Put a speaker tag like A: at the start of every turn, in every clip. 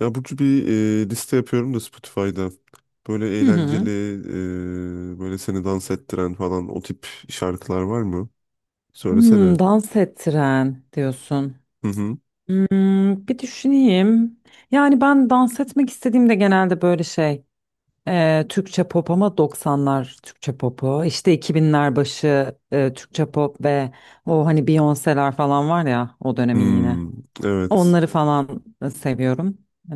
A: Ya Burcu bir liste yapıyorum da Spotify'da. Böyle
B: Hı
A: eğlenceli,
B: hı.
A: böyle seni dans ettiren falan o tip şarkılar var mı?
B: Hmm,
A: Söylesene.
B: dans ettiren diyorsun.
A: Hı hı.
B: Bir düşüneyim. Yani ben dans etmek istediğimde genelde böyle şey Türkçe pop ama 90'lar Türkçe popu işte 2000'ler başı Türkçe pop ve o hani Beyoncé'ler falan var ya o dönemin yine.
A: Hmm, evet.
B: Onları falan seviyorum. E,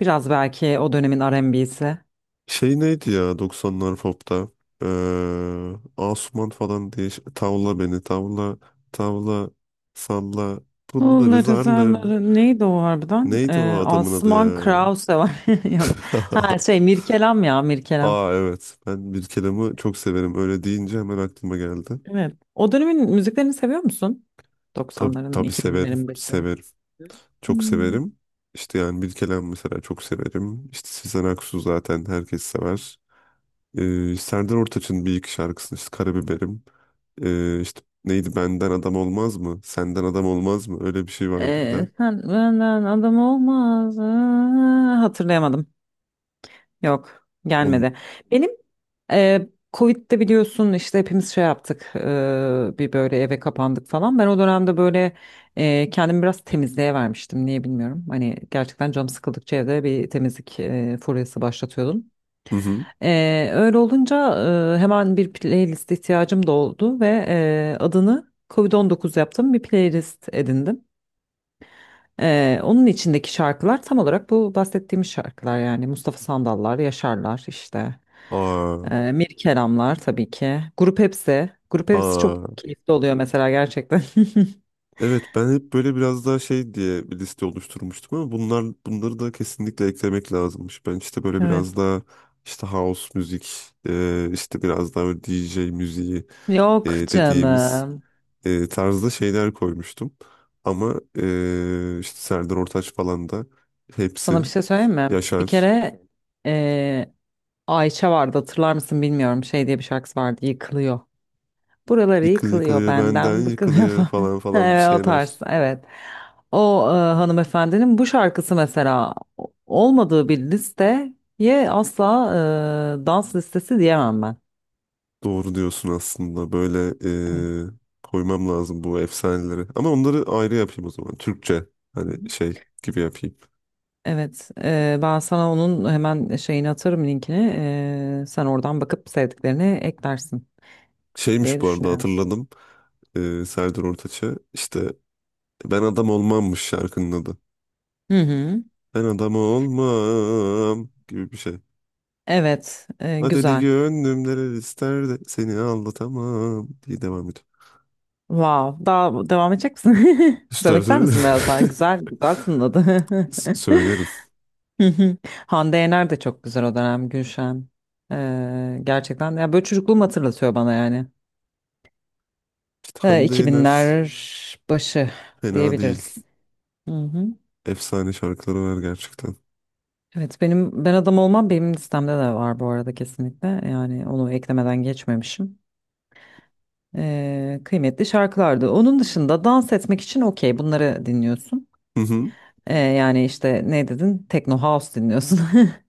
B: biraz belki o dönemin R&B'si.
A: Şey neydi ya 90'lar pop'ta? Ee, Asuman falan diye tavla beni tavla tavla salla pulları
B: Oğulları
A: zarlar.
B: zarları neydi o harbiden?
A: Neydi o
B: Ee,
A: adamın adı
B: Asuman
A: ya?
B: Krause var. Yok. Ha şey Mirkelam ya Mirkelam.
A: Aa, evet, ben bir kelamı çok severim, öyle deyince hemen aklıma geldi.
B: Evet. O dönemin müziklerini seviyor musun?
A: Tabii,
B: 90'ların
A: tabii severim.
B: 2000'lerin başı.
A: Severim. Çok
B: Hmm.
A: severim. İşte yani Bilkelen mesela çok severim. İşte Sezen Aksu zaten herkes sever. Serdar Ortaç'ın bir iki şarkısını işte Karabiberim. İşte neydi Benden Adam Olmaz mı? Senden Adam Olmaz mı? Öyle bir şey vardı bir
B: Ee,
A: de.
B: sen benden adam olmaz. Aa, hatırlayamadım. Yok,
A: on
B: gelmedi. Benim e, Covid'de biliyorsun işte hepimiz şey yaptık. Bir böyle eve kapandık falan. Ben o dönemde böyle kendimi biraz temizliğe vermiştim. Niye bilmiyorum. Hani gerçekten canım sıkıldıkça evde bir temizlik furyası başlatıyordum.
A: Hı hı.
B: Öyle olunca hemen bir playlist ihtiyacım da oldu ve adını Covid-19 yaptım. Bir playlist edindim. Onun içindeki şarkılar tam olarak bu bahsettiğimiz şarkılar yani Mustafa Sandallar, Yaşarlar işte.
A: Aa,
B: Mir Kelamlar tabii ki. Grup Hepsi. Grup Hepsi çok
A: aa.
B: keyifli oluyor mesela gerçekten.
A: Evet, ben hep böyle biraz daha şey diye bir liste oluşturmuştum, ama bunları da kesinlikle eklemek lazımmış. Ben işte böyle
B: Evet.
A: biraz daha işte house müzik, işte biraz daha böyle DJ müziği
B: Yok
A: dediğimiz
B: canım.
A: tarzda şeyler koymuştum. Ama işte Serdar Ortaç falan da
B: Sana bir
A: hepsi
B: şey söyleyeyim mi? Bir
A: Yaşar,
B: kere eee, Ayça vardı hatırlar mısın bilmiyorum. Şey diye bir şarkısı vardı. Yıkılıyor. Buraları yıkılıyor
A: yıkılıyor benden
B: benden, bıkılıyor
A: yıkılıyor
B: falan.
A: falan falan bir
B: Evet, o tarz,
A: şeyler.
B: evet. O hanımefendinin bu şarkısı mesela olmadığı bir listeye asla dans listesi diyemem ben.
A: Doğru diyorsun aslında. Böyle
B: Evet.
A: eee, koymam lazım bu efsaneleri. Ama onları ayrı yapayım o zaman. Türkçe
B: Hı hı.
A: hani şey gibi yapayım.
B: Evet, ben sana onun hemen şeyini atarım linkini. Sen oradan bakıp sevdiklerini eklersin diye
A: Şeymiş, bu arada
B: düşünüyorum.
A: hatırladım. Serdar Ortaç'ı. İşte ben adam olmammış şarkının adı.
B: Hı hı.
A: Ben adam olmam gibi bir şey.
B: Evet,
A: Adeli
B: güzel.
A: gönlüm neler ister de seni anlatamam diye devam ediyor.
B: Wow. Daha devam edecek misin?
A: İster
B: Söylemek ister
A: söyle.
B: misin biraz daha? Güzel, güzel tınladı.
A: Söylerim.
B: Hı hı. Hande Yener de çok güzel o dönem Gülşen. Gerçekten ya böyle çocukluğumu hatırlatıyor bana yani.
A: Hande Yener
B: 2000'ler başı
A: fena
B: diyebiliriz.
A: değil.
B: Hı hı.
A: Efsane şarkıları var gerçekten.
B: Evet benim ben adam olmam benim listemde de var bu arada kesinlikle. Yani onu eklemeden geçmemişim. Kıymetli şarkılardı. Onun dışında dans etmek için okey bunları dinliyorsun.
A: Hı hı.
B: Yani işte ne dedin? Techno House dinliyorsun.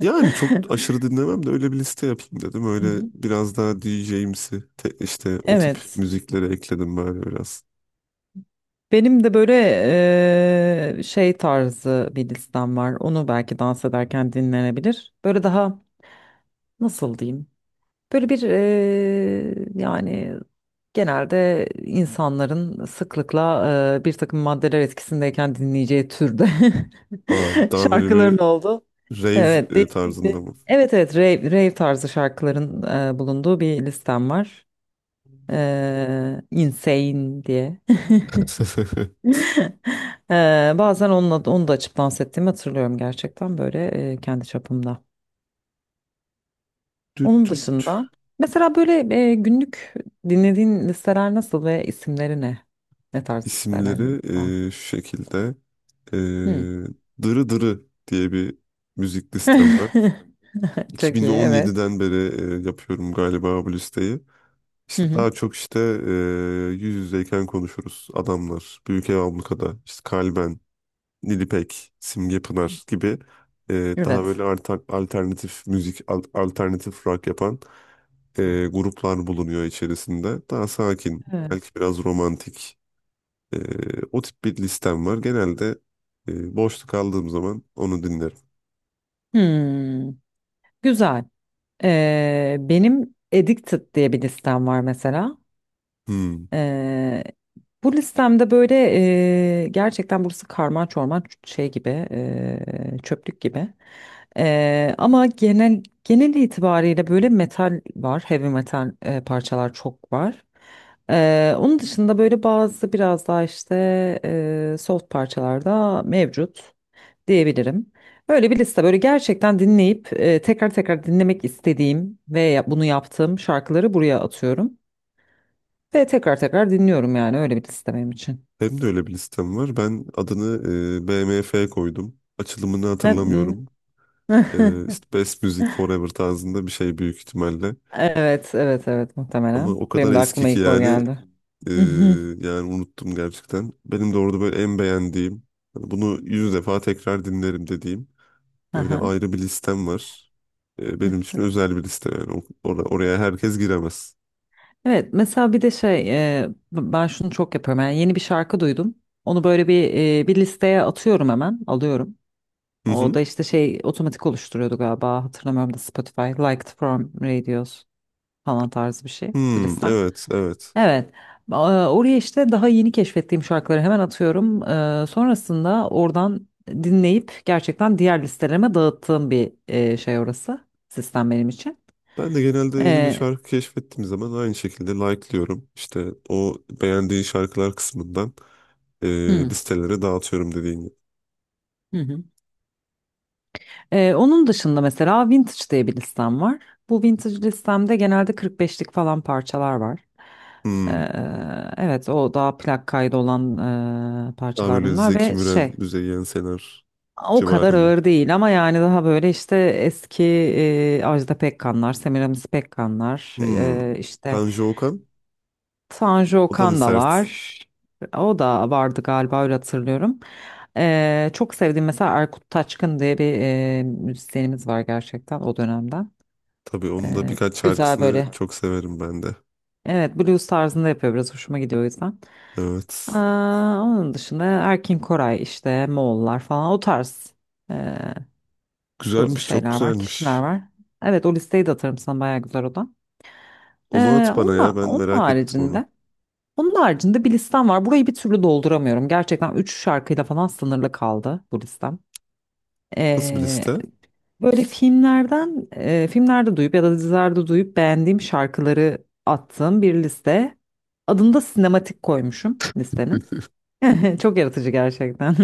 A: Yani çok aşırı dinlemem de öyle bir liste yapayım dedim.
B: Hı
A: Öyle
B: hı.
A: biraz daha DJ'imsi, işte o tip
B: Evet.
A: müzikleri ekledim böyle biraz.
B: Benim de böyle şey tarzı bir listem var. Onu belki dans ederken dinlenebilir. Böyle daha nasıl diyeyim? Böyle bir yani genelde insanların sıklıkla bir takım maddeler etkisindeyken dinleyeceği türde
A: Aa, daha böyle
B: şarkıların
A: bir
B: oldu. Evet,
A: rave
B: değişik bir.
A: tarzında mı?
B: Evet evet rave, rave tarzı şarkıların bulunduğu bir listem var. Insane diye. Bazen onunla, onu da açıp dans ettiğimi hatırlıyorum gerçekten böyle kendi çapımda. Onun
A: Düt düt
B: dışında mesela böyle günlük dinlediğin listeler nasıl ve isimleri ne? Ne tarz listeler
A: isimleri
B: var?
A: şu şekilde. E,
B: Hı.
A: Dırı Dırı diye bir müzik listem var.
B: Çok iyi evet.
A: 2017'den beri yapıyorum galiba bu listeyi.
B: Hı
A: İşte
B: hı.
A: daha çok işte e, yüz yüzeyken konuşuruz. Adamlar, Büyük Ev Ablukada, işte Kalben, Nilipek, Simge Pınar gibi daha
B: Evet.
A: böyle alternatif müzik, alternatif rock yapan gruplar bulunuyor içerisinde. Daha sakin,
B: Evet.
A: belki biraz romantik. e, o tip bir listem var. Genelde boşluk aldığım zaman onu dinlerim.
B: Hmm. Güzel. Benim Addicted diye bir listem var mesela.
A: Hmm.
B: Eee, bu listemde böyle gerçekten burası karman çorman şey gibi çöplük gibi. Ama genel itibariyle böyle metal var, heavy metal parçalar çok var. Onun dışında böyle bazı biraz daha işte soft parçalar da mevcut diyebilirim. Böyle bir liste böyle gerçekten dinleyip tekrar tekrar dinlemek istediğim ve bunu yaptığım şarkıları buraya atıyorum. Ve tekrar tekrar dinliyorum yani öyle bir liste benim için.
A: Benim de öyle bir listem var. Ben adını BMF koydum. Açılımını
B: Ne?
A: hatırlamıyorum. E, işte Best Music Forever tarzında bir şey büyük ihtimalle.
B: Evet, evet, evet
A: Ama
B: muhtemelen.
A: o kadar
B: Benim de
A: eski
B: aklıma
A: ki
B: ilk o
A: yani.
B: geldi.
A: Ee,
B: Mhm,
A: yani unuttum gerçekten. Benim de orada böyle en beğendiğim, hani bunu 100 defa tekrar dinlerim dediğim öyle
B: aha.
A: ayrı bir listem var. Benim için özel bir liste yani. Oraya herkes giremez.
B: Evet mesela bir de şey ben şunu çok yapıyorum yani yeni bir şarkı duydum onu böyle bir listeye atıyorum hemen alıyorum
A: Hı
B: o da
A: hı.
B: işte şey otomatik oluşturuyordu galiba hatırlamıyorum da Spotify Liked from Radios falan tarzı bir şey bir
A: Hmm,
B: liste.
A: evet, evet.
B: Evet. Aa, oraya işte daha yeni keşfettiğim şarkıları hemen atıyorum. Sonrasında oradan dinleyip gerçekten diğer listelerime dağıttığım bir şey orası. Sistem benim için.
A: Ben de genelde yeni bir
B: Ee,
A: şarkı keşfettiğim zaman aynı şekilde like'lıyorum. İşte o beğendiğin şarkılar kısmından e,
B: hı,
A: listelere dağıtıyorum dediğin gibi.
B: hı hı. Onun dışında mesela Vintage diye bir listem var. Bu Vintage listemde genelde 45'lik falan parçalar var. Ee,
A: Hmm.
B: evet o daha plak kaydı olan
A: Daha
B: parçalar
A: böyle
B: bunlar
A: Zeki
B: ve
A: Müren,
B: şey.
A: Müzeyyen Senar
B: O kadar
A: civarı mı?
B: ağır değil ama yani daha böyle işte eski Ajda Pekkanlar, Semiramis Pekkanlar,
A: Hmm.
B: işte
A: Tanju Okan?
B: Tanju
A: O da mı
B: Okan da
A: sert?
B: var. O da vardı galiba öyle hatırlıyorum. Çok sevdiğim mesela Erkut Taçkın diye bir müzisyenimiz var gerçekten o dönemden.
A: Tabii, onun da
B: E,
A: birkaç
B: güzel
A: şarkısını
B: böyle.
A: çok severim ben de.
B: Evet blues tarzında yapıyor biraz hoşuma gidiyor o yüzden.
A: Evet.
B: Aa, onun dışında Erkin Koray işte Moğollar falan o tarz.
A: Güzelmiş, çok
B: Şeyler var, kişiler
A: güzelmiş.
B: var. Evet o listeyi de atarım sana bayağı güzel o da.
A: Onu
B: Ee,
A: at bana
B: onun,
A: ya,
B: da-
A: ben
B: onun
A: merak ettim onu.
B: haricinde onun haricinde bir listem var. Burayı bir türlü dolduramıyorum. Gerçekten 3 şarkıyla falan sınırlı kaldı bu listem.
A: Nasıl bir
B: Ee,
A: liste?
B: böyle filmlerde duyup ya da dizilerde duyup beğendiğim şarkıları attığım bir liste. Adını da sinematik koymuşum listenin. Çok yaratıcı gerçekten.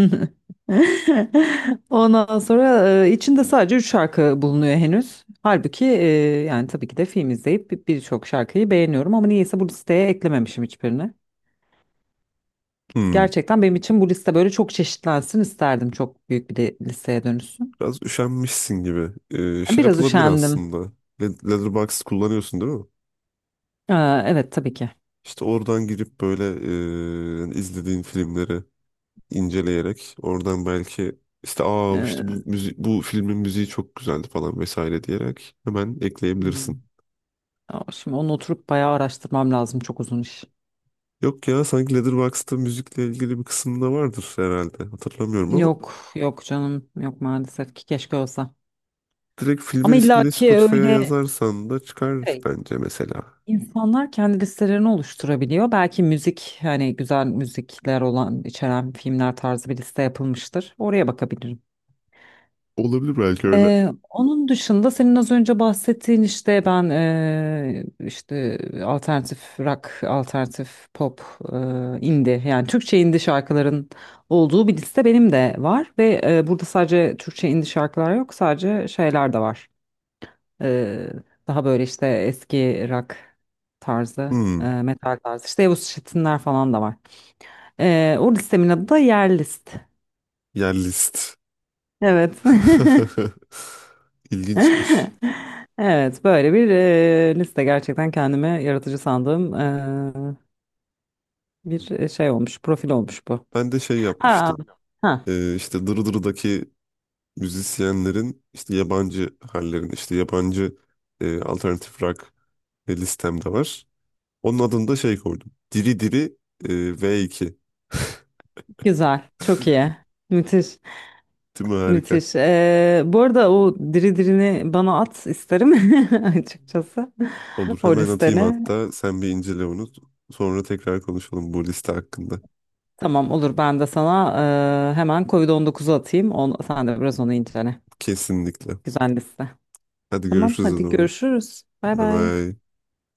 B: Ondan sonra içinde sadece 3 şarkı bulunuyor henüz. Halbuki yani tabii ki de film izleyip birçok şarkıyı beğeniyorum ama niyeyse bu listeye eklememişim hiçbirini.
A: Hmm,
B: Gerçekten benim için bu liste böyle çok çeşitlensin isterdim. Çok büyük bir de listeye dönüşsün.
A: biraz üşenmişsin gibi. Şey
B: Biraz
A: yapılabilir
B: üşendim.
A: aslında. Letterboxd kullanıyorsun değil mi?
B: Ee, evet tabii ki.
A: İşte oradan girip böyle izlediğin filmleri inceleyerek oradan belki işte, aa, işte
B: Ee,
A: bu filmin müziği çok güzeldi falan vesaire diyerek hemen
B: Hmm.
A: ekleyebilirsin.
B: Ya şimdi onu oturup bayağı araştırmam lazım. Çok uzun iş.
A: Yok ya, sanki Letterboxd'da müzikle ilgili bir kısımda vardır herhalde. Hatırlamıyorum ama
B: Yok yok canım yok maalesef ki keşke olsa.
A: direkt
B: Ama
A: filmin ismini
B: illaki
A: Spotify'a
B: öyle
A: yazarsan da çıkar
B: şey.
A: bence mesela.
B: İnsanlar kendi listelerini oluşturabiliyor. Belki müzik hani güzel müzikler olan içeren filmler tarzı bir liste yapılmıştır. Oraya bakabilirim.
A: Olabilir belki öyle.
B: Onun dışında senin az önce bahsettiğin işte ben işte alternatif rock, alternatif pop, ee, indie yani Türkçe indie şarkıların olduğu bir liste benim de var ve burada sadece Türkçe indie şarkılar yok sadece şeyler de var. Ee, daha böyle işte eski rock tarzı,
A: Hmm,
B: metal tarzı. İşte Yavuz Şetinler falan da var. O listemin adı da Yer List.
A: yer list.
B: Evet.
A: İlginçmiş.
B: Evet, böyle bir liste gerçekten kendime yaratıcı sandığım bir şey olmuş, profil olmuş bu.
A: Ben de şey
B: Aa,
A: yapmıştım.
B: ha,
A: İşte Dırdır'daki müzisyenlerin işte yabancı hallerin işte yabancı alternatif rock listemde var. Onun adını da şey koydum. Diri Diri e, V2.
B: güzel, çok iyi, müthiş,
A: Değil mi? Harika.
B: müthiş. Bu arada o diri dirini bana at isterim açıkçası
A: Olur,
B: o
A: hemen atayım
B: listeni.
A: hatta. Sen bir incele onu. Sonra tekrar konuşalım bu liste hakkında.
B: Tamam olur ben de sana hemen Covid-19'u atayım. On, sen de biraz onu incele.
A: Kesinlikle.
B: Güzel liste.
A: Hadi
B: Tamam
A: görüşürüz o
B: hadi
A: zaman.
B: görüşürüz. Bay
A: Bay
B: bay.
A: bay.